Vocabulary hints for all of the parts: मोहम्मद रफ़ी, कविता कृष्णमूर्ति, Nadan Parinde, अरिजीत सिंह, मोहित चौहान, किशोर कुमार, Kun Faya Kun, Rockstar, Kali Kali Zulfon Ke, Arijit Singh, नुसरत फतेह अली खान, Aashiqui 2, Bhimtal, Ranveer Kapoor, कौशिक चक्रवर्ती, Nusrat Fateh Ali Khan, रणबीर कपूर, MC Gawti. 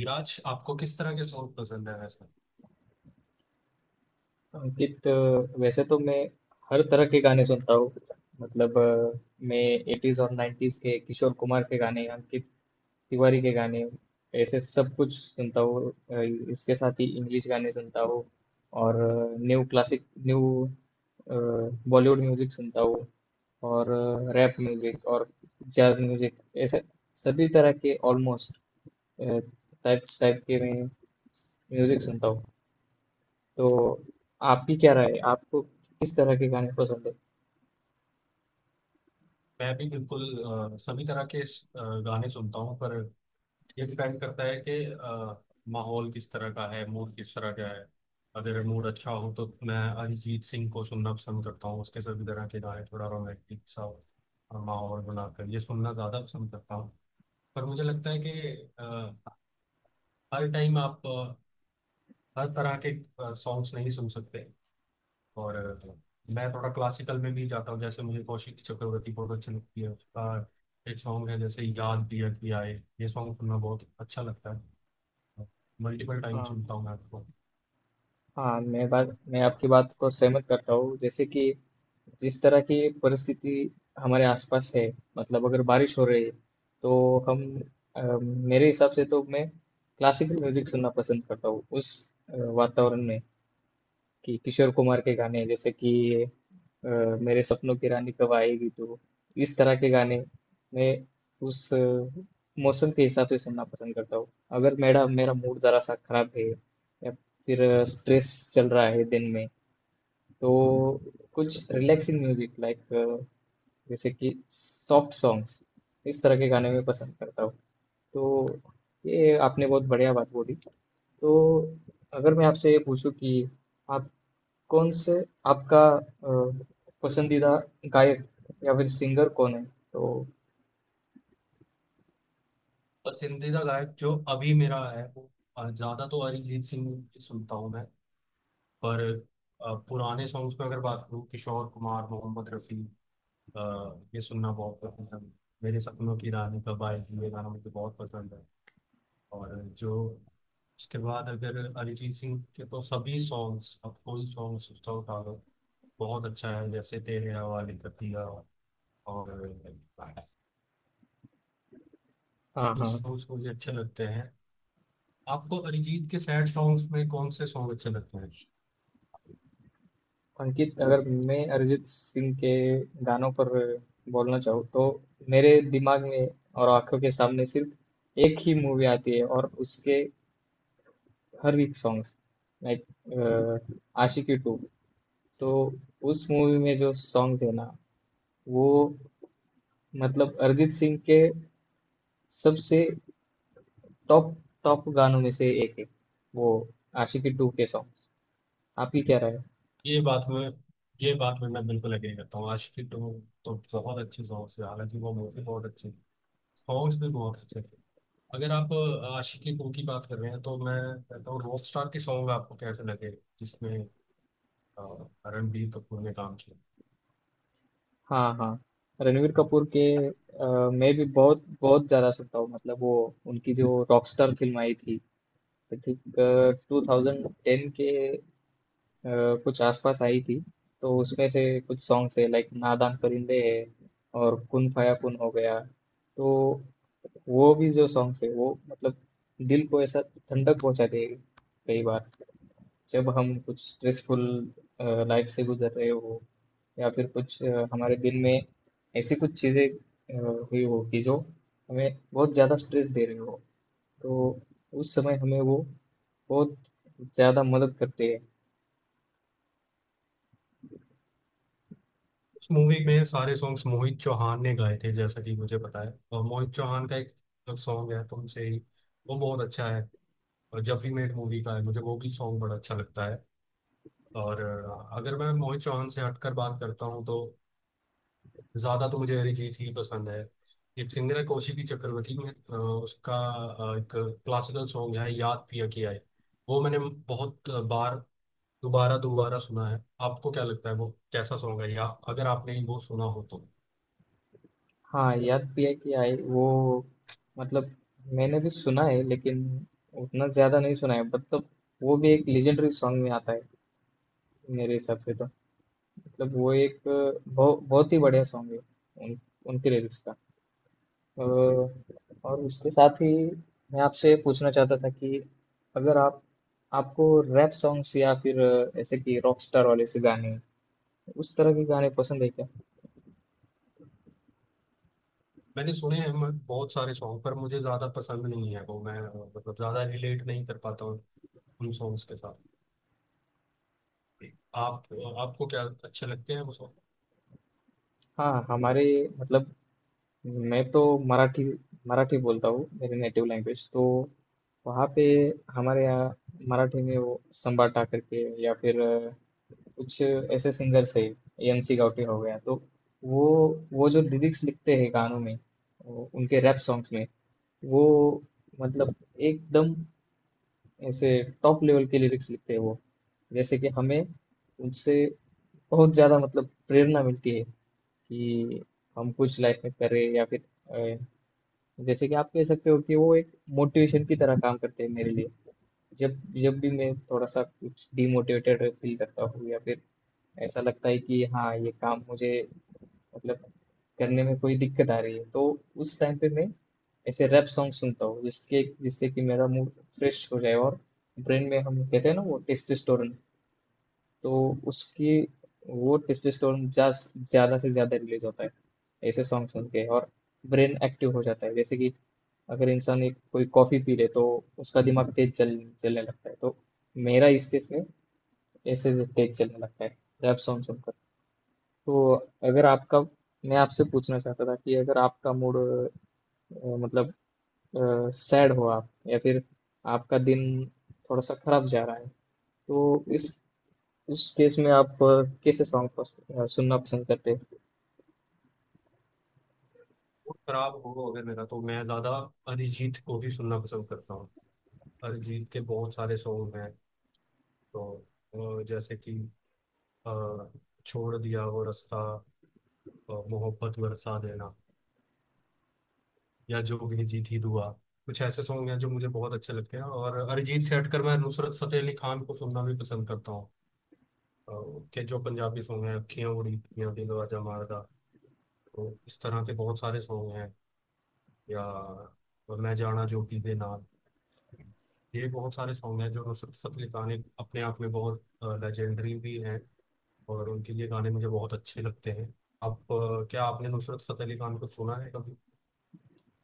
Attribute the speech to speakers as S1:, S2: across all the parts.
S1: विराज, आपको किस तरह के सॉन्ग पसंद है वैसे?
S2: अंकित, वैसे तो मैं हर तरह के गाने सुनता हूँ। मतलब मैं 80s और 90s के किशोर कुमार के गाने, अंकित तिवारी के गाने, ऐसे सब कुछ सुनता हूँ। इसके साथ ही इंग्लिश गाने सुनता हूँ, और new classic, new Bollywood music सुनता हूँ, और रैप म्यूजिक और जैज म्यूजिक, ऐसे सभी तरह के ऑलमोस्ट टाइप्स टाइप के मैं म्यूजिक सुनता हूँ। तो आपकी क्या राय है? आपको किस तरह के गाने पसंद है?
S1: मैं भी बिल्कुल सभी तरह के गाने सुनता हूँ, पर ये डिपेंड करता है कि माहौल किस तरह का है, मूड किस तरह का है। अगर मूड अच्छा हो तो मैं अरिजीत सिंह को सुनना पसंद करता हूँ, उसके सभी तरह के गाने, थोड़ा रोमांटिक सा माहौल बनाकर ये सुनना ज़्यादा पसंद करता हूँ। पर मुझे लगता है कि अ, हर टाइम आप हर तरह के सॉन्ग्स नहीं सुन सकते। और मैं थोड़ा क्लासिकल में भी जाता हूँ, जैसे मुझे कौशिक चक्रवर्ती बहुत अच्छी लगती है, उसका एक सॉन्ग है जैसे याद दिया कि आए, ये सॉन्ग सुनना बहुत अच्छा लगता है, मल्टीपल टाइम सुनता
S2: हाँ,
S1: हूँ मैं आपको।
S2: हाँ, मैं
S1: और
S2: आपकी बात को सहमत करता हूँ। जैसे कि जिस तरह की परिस्थिति हमारे आसपास है, मतलब अगर बारिश हो रही है तो हम, मेरे हिसाब से तो मैं क्लासिकल म्यूजिक सुनना पसंद करता हूँ उस वातावरण में। कि किशोर कुमार के गाने, जैसे कि अ, मेरे सपनों की रानी कब आएगी तू, इस तरह के गाने मैं उस मौसम के हिसाब से सुनना पसंद करता हूँ। अगर मेरा मेरा मूड जरा सा खराब है, या फिर स्ट्रेस चल रहा है दिन में, तो कुछ रिलैक्सिंग म्यूजिक लाइक, जैसे कि सॉफ्ट सॉन्ग्स, इस तरह के गाने मैं पसंद करता हूँ। तो ये आपने बहुत बढ़िया बात बोली। तो अगर मैं आपसे ये पूछूं कि आप कौन से, आपका पसंदीदा गायक या फिर सिंगर कौन है? तो
S1: पसंदीदा गायक जो अभी मेरा है, वो ज्यादा तो अरिजीत सिंह की सुनता हूँ मैं, पर पुराने सॉन्ग्स में अगर बात करूँ, किशोर कुमार, मोहम्मद रफ़ी, अ, ये सुनना बहुत पसंद है। मेरे सपनों की रानी कब आएगी, ये गाना मुझे बहुत पसंद है। और जो उसके बाद अगर अरिजीत सिंह के, तो सभी सॉन्ग्स, अब कोई सॉन्ग सोचता उठा लो, बहुत अच्छा है, जैसे तेरे हवाले कर दिया। और
S2: हाँ,
S1: इस
S2: हाँ।
S1: सॉन्ग्स मुझे अच्छे लगते हैं। आपको अरिजीत के सैड सॉन्ग्स में कौन से सॉन्ग अच्छे लगते हैं?
S2: अंकित, अगर मैं अरिजीत सिंह के गानों पर बोलना चाहूँ, तो मेरे दिमाग में और आंखों के सामने सिर्फ एक ही मूवी आती है और उसके हर एक सॉन्ग्स, लाइक आशिकी टू। तो उस मूवी में जो सॉन्ग थे ना, वो, मतलब अरिजीत सिंह के सबसे टॉप टॉप गानों में से एक है, वो आशिकी टू के सॉन्ग्स। आपकी क्या राय है?
S1: ये बात में ये बात में मैं बिल्कुल अग्री करता हूँ। आशिकी टू तो बहुत अच्छे सॉन्ग्स है, हालांकि वो मूवी बहुत अच्छी, सॉन्ग्स भी बहुत अच्छे थे। अगर आप आशिकी टू की बात कर रहे हैं तो मैं कहता हूँ रॉक स्टार के सॉन्ग आपको कैसे लगे? जिसमें, हाँ, रणबीर कपूर ने काम किया।
S2: हाँ, हाँ। रणवीर कपूर के मैं भी बहुत बहुत ज़्यादा सुनता हूँ। मतलब वो, उनकी जो रॉकस्टार फिल्म आई थी, आई थिंक 2010 के अ, कुछ आसपास आई थी। तो उसमें से कुछ सॉन्ग्स है लाइक नादान परिंदे है, और कुन फाया कुन हो गया। तो वो भी जो सॉन्ग्स है वो, मतलब दिल को ऐसा ठंडक पहुंचा देगा। कई बार जब हम कुछ स्ट्रेसफुल लाइफ से गुजर रहे हो, या फिर कुछ हमारे दिन में ऐसी कुछ चीज़ें हुई हो कि जो हमें बहुत ज़्यादा स्ट्रेस दे रहे हो, तो उस समय हमें वो बहुत ज़्यादा मदद करते हैं।
S1: इस मूवी में सारे सॉन्ग्स मोहित चौहान ने गाए थे जैसा कि मुझे पता है, और मोहित चौहान का एक सॉन्ग है तुमसे ही, वो बहुत अच्छा है। और जब वी मेट मूवी का है, मुझे वो भी सॉन्ग बड़ा अच्छा लगता है। और अगर मैं मोहित चौहान से हटकर बात करता हूँ तो ज़्यादा तो मुझे अरिजीत ही पसंद है। एक सिंगर है कौशिकी चक्रवर्ती, में उसका एक क्लासिकल सॉन्ग है याद पिया किया है, वो मैंने बहुत बार दोबारा दोबारा सुना है। आपको क्या लगता है, वो कैसा सॉन्ग है? या अगर आपने वो सुना हो तो।
S2: हाँ, याद भी है कि आई वो, मतलब मैंने भी सुना है लेकिन उतना ज़्यादा नहीं सुना है। मतलब वो भी एक लेजेंडरी सॉन्ग में आता है, मेरे हिसाब से तो। मतलब वो एक बहुत ही बढ़िया सॉन्ग है। उन, उनके लिरिक्स का अ, और उसके साथ ही, मैं आपसे पूछना चाहता था कि अगर आप, आपको रैप सॉन्ग्स या फिर ऐसे कि रॉकस्टार वाले से गाने, उस तरह के गाने पसंद है क्या?
S1: मैंने सुने हैं मैं बहुत सारे सॉन्ग, पर मुझे ज्यादा पसंद नहीं है, वो मैं मतलब ज्यादा रिलेट नहीं कर पाता हूँ उन सॉन्ग्स के साथ। आप आपको क्या अच्छे लगते हैं वो सॉन्ग?
S2: हाँ, हमारे, मतलब मैं तो मराठी मराठी बोलता हूँ, मेरी नेटिव लैंग्वेज। तो वहाँ पे हमारे यहाँ मराठी में वो संबाटा करके या फिर कुछ ऐसे सिंगर्स है, एमसी गाउटी हो गया, तो वो वो जो लिरिक्स लिखते हैं गानों में, वो उनके रैप सॉन्ग्स में, वो मतलब एकदम ऐसे टॉप लेवल के लिरिक्स लिखते हैं वो, जैसे कि हमें उनसे बहुत ज़्यादा मतलब प्रेरणा मिलती है कि हम कुछ लाइफ में करें, या फिर अ, जैसे कि आप कह सकते हो कि वो एक मोटिवेशन की तरह काम करते हैं मेरे लिए। जब जब भी मैं थोड़ा सा कुछ डिमोटिवेटेड फील करता हूँ, या फिर ऐसा लगता है कि हाँ, ये काम मुझे, मतलब करने में कोई दिक्कत आ रही है, तो उस टाइम पे मैं ऐसे रैप सॉन्ग सुनता हूँ जिसके जिससे कि मेरा मूड फ्रेश हो जाए, और ब्रेन में हम कहते हैं ना वो टेस्टोस्टेरोन, तो उसकी, वो टेस्टोस्टेरोन ज्यादा से ज्यादा रिलीज होता है ऐसे सॉन्ग सुन के, और ब्रेन एक्टिव हो जाता है। जैसे कि अगर इंसान एक कोई कॉफी पी ले, तो उसका दिमाग तेज चल चलने लगता है, तो मेरा इस केस में ऐसे तेज चलने लगता है रैप सॉन्ग सुनकर। तो अगर आपका, मैं आपसे पूछना चाहता था कि अगर आपका मूड मतलब सैड हो आप, या फिर आपका दिन थोड़ा सा खराब जा रहा है, तो इस, उस केस में आप कैसे सॉन्ग सुनना पसंद करते हैं?
S1: मूड खराब हो अगर मेरा, तो मैं ज्यादा अरिजीत को भी सुनना पसंद करता हूँ। अरिजीत के बहुत सारे सॉन्ग हैं, तो जैसे कि अ, छोड़ दिया वो रास्ता, मोहब्बत बरसा देना, या जोगी जीत ही दुआ, कुछ ऐसे सॉन्ग हैं जो मुझे बहुत अच्छे लगते हैं। और अरिजीत से हटकर मैं नुसरत फतेह अली खान को सुनना भी पसंद करता हूँ। अ, के जो पंजाबी सॉन्ग हैं, अखियां उड़ी, या दिल आजा मारदा, तो इस तरह के बहुत सारे सॉन्ग हैं। या और मैं जाना जोगी दे नाल, ये बहुत सारे सॉन्ग हैं जो नुसरत फतेह अली खान, एक अपने आप में बहुत लेजेंडरी भी हैं, और उनके ये गाने मुझे बहुत अच्छे लगते हैं। आप क्या आपने नुसरत फतेह अली खान को सुना है कभी?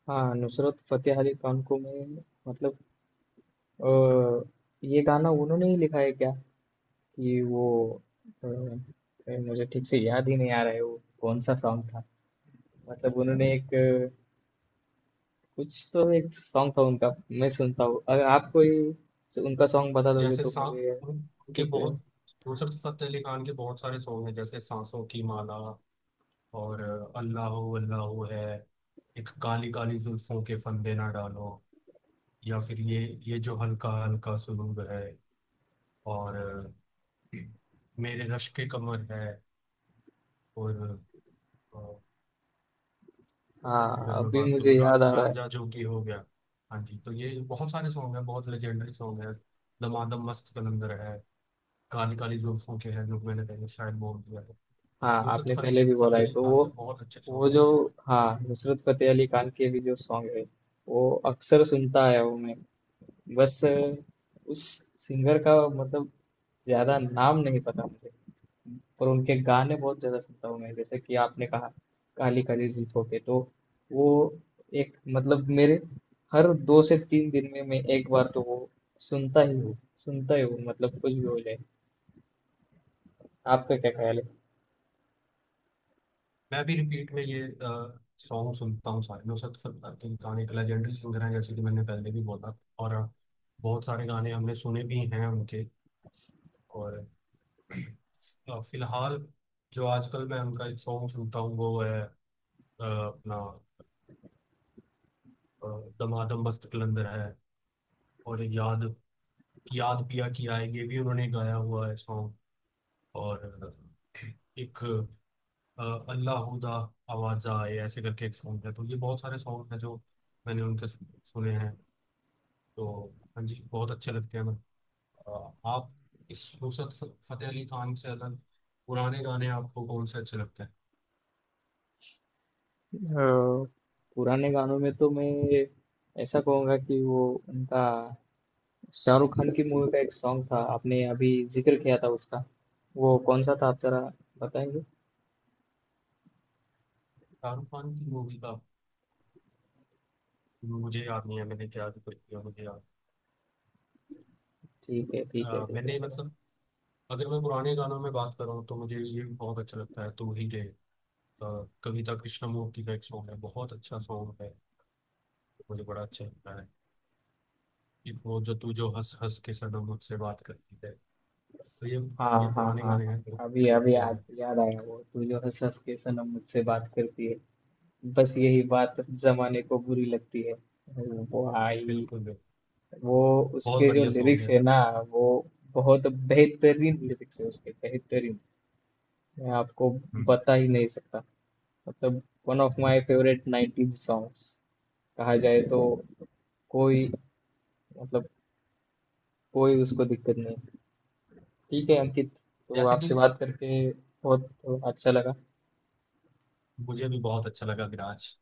S2: हाँ, नुसरत फतेह अली खान को मैं, मतलब अ, ये गाना उन्होंने ही लिखा है क्या? कि वो, मुझे ठीक से याद ही नहीं आ रहा है वो कौन सा सॉन्ग था। मतलब उन्होंने एक, कुछ तो एक सॉन्ग था उनका, मैं सुनता हूँ। अगर आप कोई उनका सॉन्ग बता दोगे
S1: जैसे
S2: तो
S1: सा
S2: मुझे,
S1: उन- उनके
S2: ठीक है।
S1: बहुत नुसरत फतेह अली खान के बहुत सारे सॉन्ग हैं, जैसे सांसों की माला, और अल्लाह हो है, एक काली काली जुल्फों के फंदे ना डालो, या फिर ये जो हल्का हल्का सुरूर है, और मेरे रश के कमर है, और अ,
S2: हाँ,
S1: अगर मैं
S2: अभी
S1: बात
S2: मुझे
S1: करूँ रा,
S2: याद आ रहा है।
S1: रांझा जोगी हो गया। हाँ जी, तो ये बहुत सारे सॉन्ग हैं, बहुत लेजेंडरी सॉन्ग है। दमादम मस्त कलंदर है, काली काली जो उसको के हैं, जो मैंने पहले शायद बोल दिया है।
S2: हाँ,
S1: नुसरत
S2: आपने
S1: फली
S2: पहले भी बोला
S1: फतेह
S2: है,
S1: अली
S2: तो
S1: खान
S2: वो
S1: के बहुत अच्छे
S2: वो
S1: सॉन्ग
S2: जो,
S1: हैं।
S2: हाँ, नुसरत फतेह अली खान के भी जो सॉन्ग है वो अक्सर सुनता आया हूँ मैं। बस उस सिंगर का, मतलब ज्यादा नाम नहीं पता मुझे, और उनके गाने बहुत ज़्यादा सुनता हूँ मैं, जैसे कि आपने कहा काली काली जुल्फों के। तो वो, एक मतलब, मेरे हर 2 से 3 दिन में मैं एक बार तो वो सुनता ही हूँ, सुनता ही हूँ, मतलब कुछ भी हो जाए। आपका क्या ख्याल है?
S1: मैं भी रिपीट में ये सॉन्ग सुनता हूँ सारे। नुसरत फतेह अली खान एक लेजेंडरी सिंगर हैं, जैसे कि मैंने पहले भी बोला, और बहुत सारे गाने हमने सुने भी हैं उनके। और फिलहाल जो आजकल मैं उनका एक सॉन्ग सुनता हूँ वो है, अपना अ, दमादम मस्त कलंदर है, और याद याद पिया की आए, ये भी उन्होंने गाया हुआ है सॉन्ग, और एक अल्लाहूदा आवाजा, ये ऐसे करके एक सॉन्ग है। तो ये बहुत सारे सॉन्ग हैं जो मैंने उनके सुने हैं। तो हाँ जी, बहुत अच्छे लगते हैं। आप इस नुसरत फतेह अली खान से अलग, पुराने गाने आपको कौन से अच्छे लगते हैं?
S2: अ, पुराने गानों में तो मैं ऐसा कहूँगा कि वो उनका, शाहरुख खान की मूवी का एक सॉन्ग था आपने अभी जिक्र किया था, उसका वो कौन सा था, आप जरा बताएंगे?
S1: शाहरुख खान की मूवी का मुझे याद नहीं है, मैंने क्या जिक्र किया, मुझे याद।
S2: ठीक है, ठीक है, ठीक है,
S1: मैंने
S2: चलो।
S1: मतलब, अगर मैं पुराने गानों में बात करूँ तो मुझे ये भी बहुत अच्छा लगता है, तू ही रे, अ, कविता कृष्णमूर्ति का एक सॉन्ग है, बहुत अच्छा सॉन्ग है, मुझे बड़ा अच्छा लगता है। एक वो जो तू जो हंस हंस के सनम मुझसे बात करती है, तो ये
S2: हाँ,
S1: ये
S2: हाँ,
S1: पुराने
S2: हाँ,
S1: गाने
S2: हाँ,
S1: हैं, बहुत
S2: अभी
S1: अच्छे
S2: अभी
S1: लगते
S2: याद
S1: हैं।
S2: याद आया, वो तू जो है सस के सनम मुझसे बात करती है, बस यही बात जमाने को बुरी लगती है, वो आई।
S1: बिल्कुल बिल्कुल,
S2: वो,
S1: बहुत
S2: उसके जो
S1: बढ़िया सॉन्ग
S2: लिरिक्स
S1: है।
S2: है ना, वो बहुत बेहतरीन लिरिक्स है उसके, बेहतरीन, मैं आपको
S1: हम्म।
S2: बता ही नहीं सकता। मतलब one of my favourite 90s songs कहा जाए तो, कोई, मतलब कोई उसको दिक्कत नहीं। ठीक है अंकित, तो
S1: जैसे कि
S2: आपसे बात करके बहुत अच्छा लगा।
S1: मुझे भी बहुत अच्छा लगा, विराज।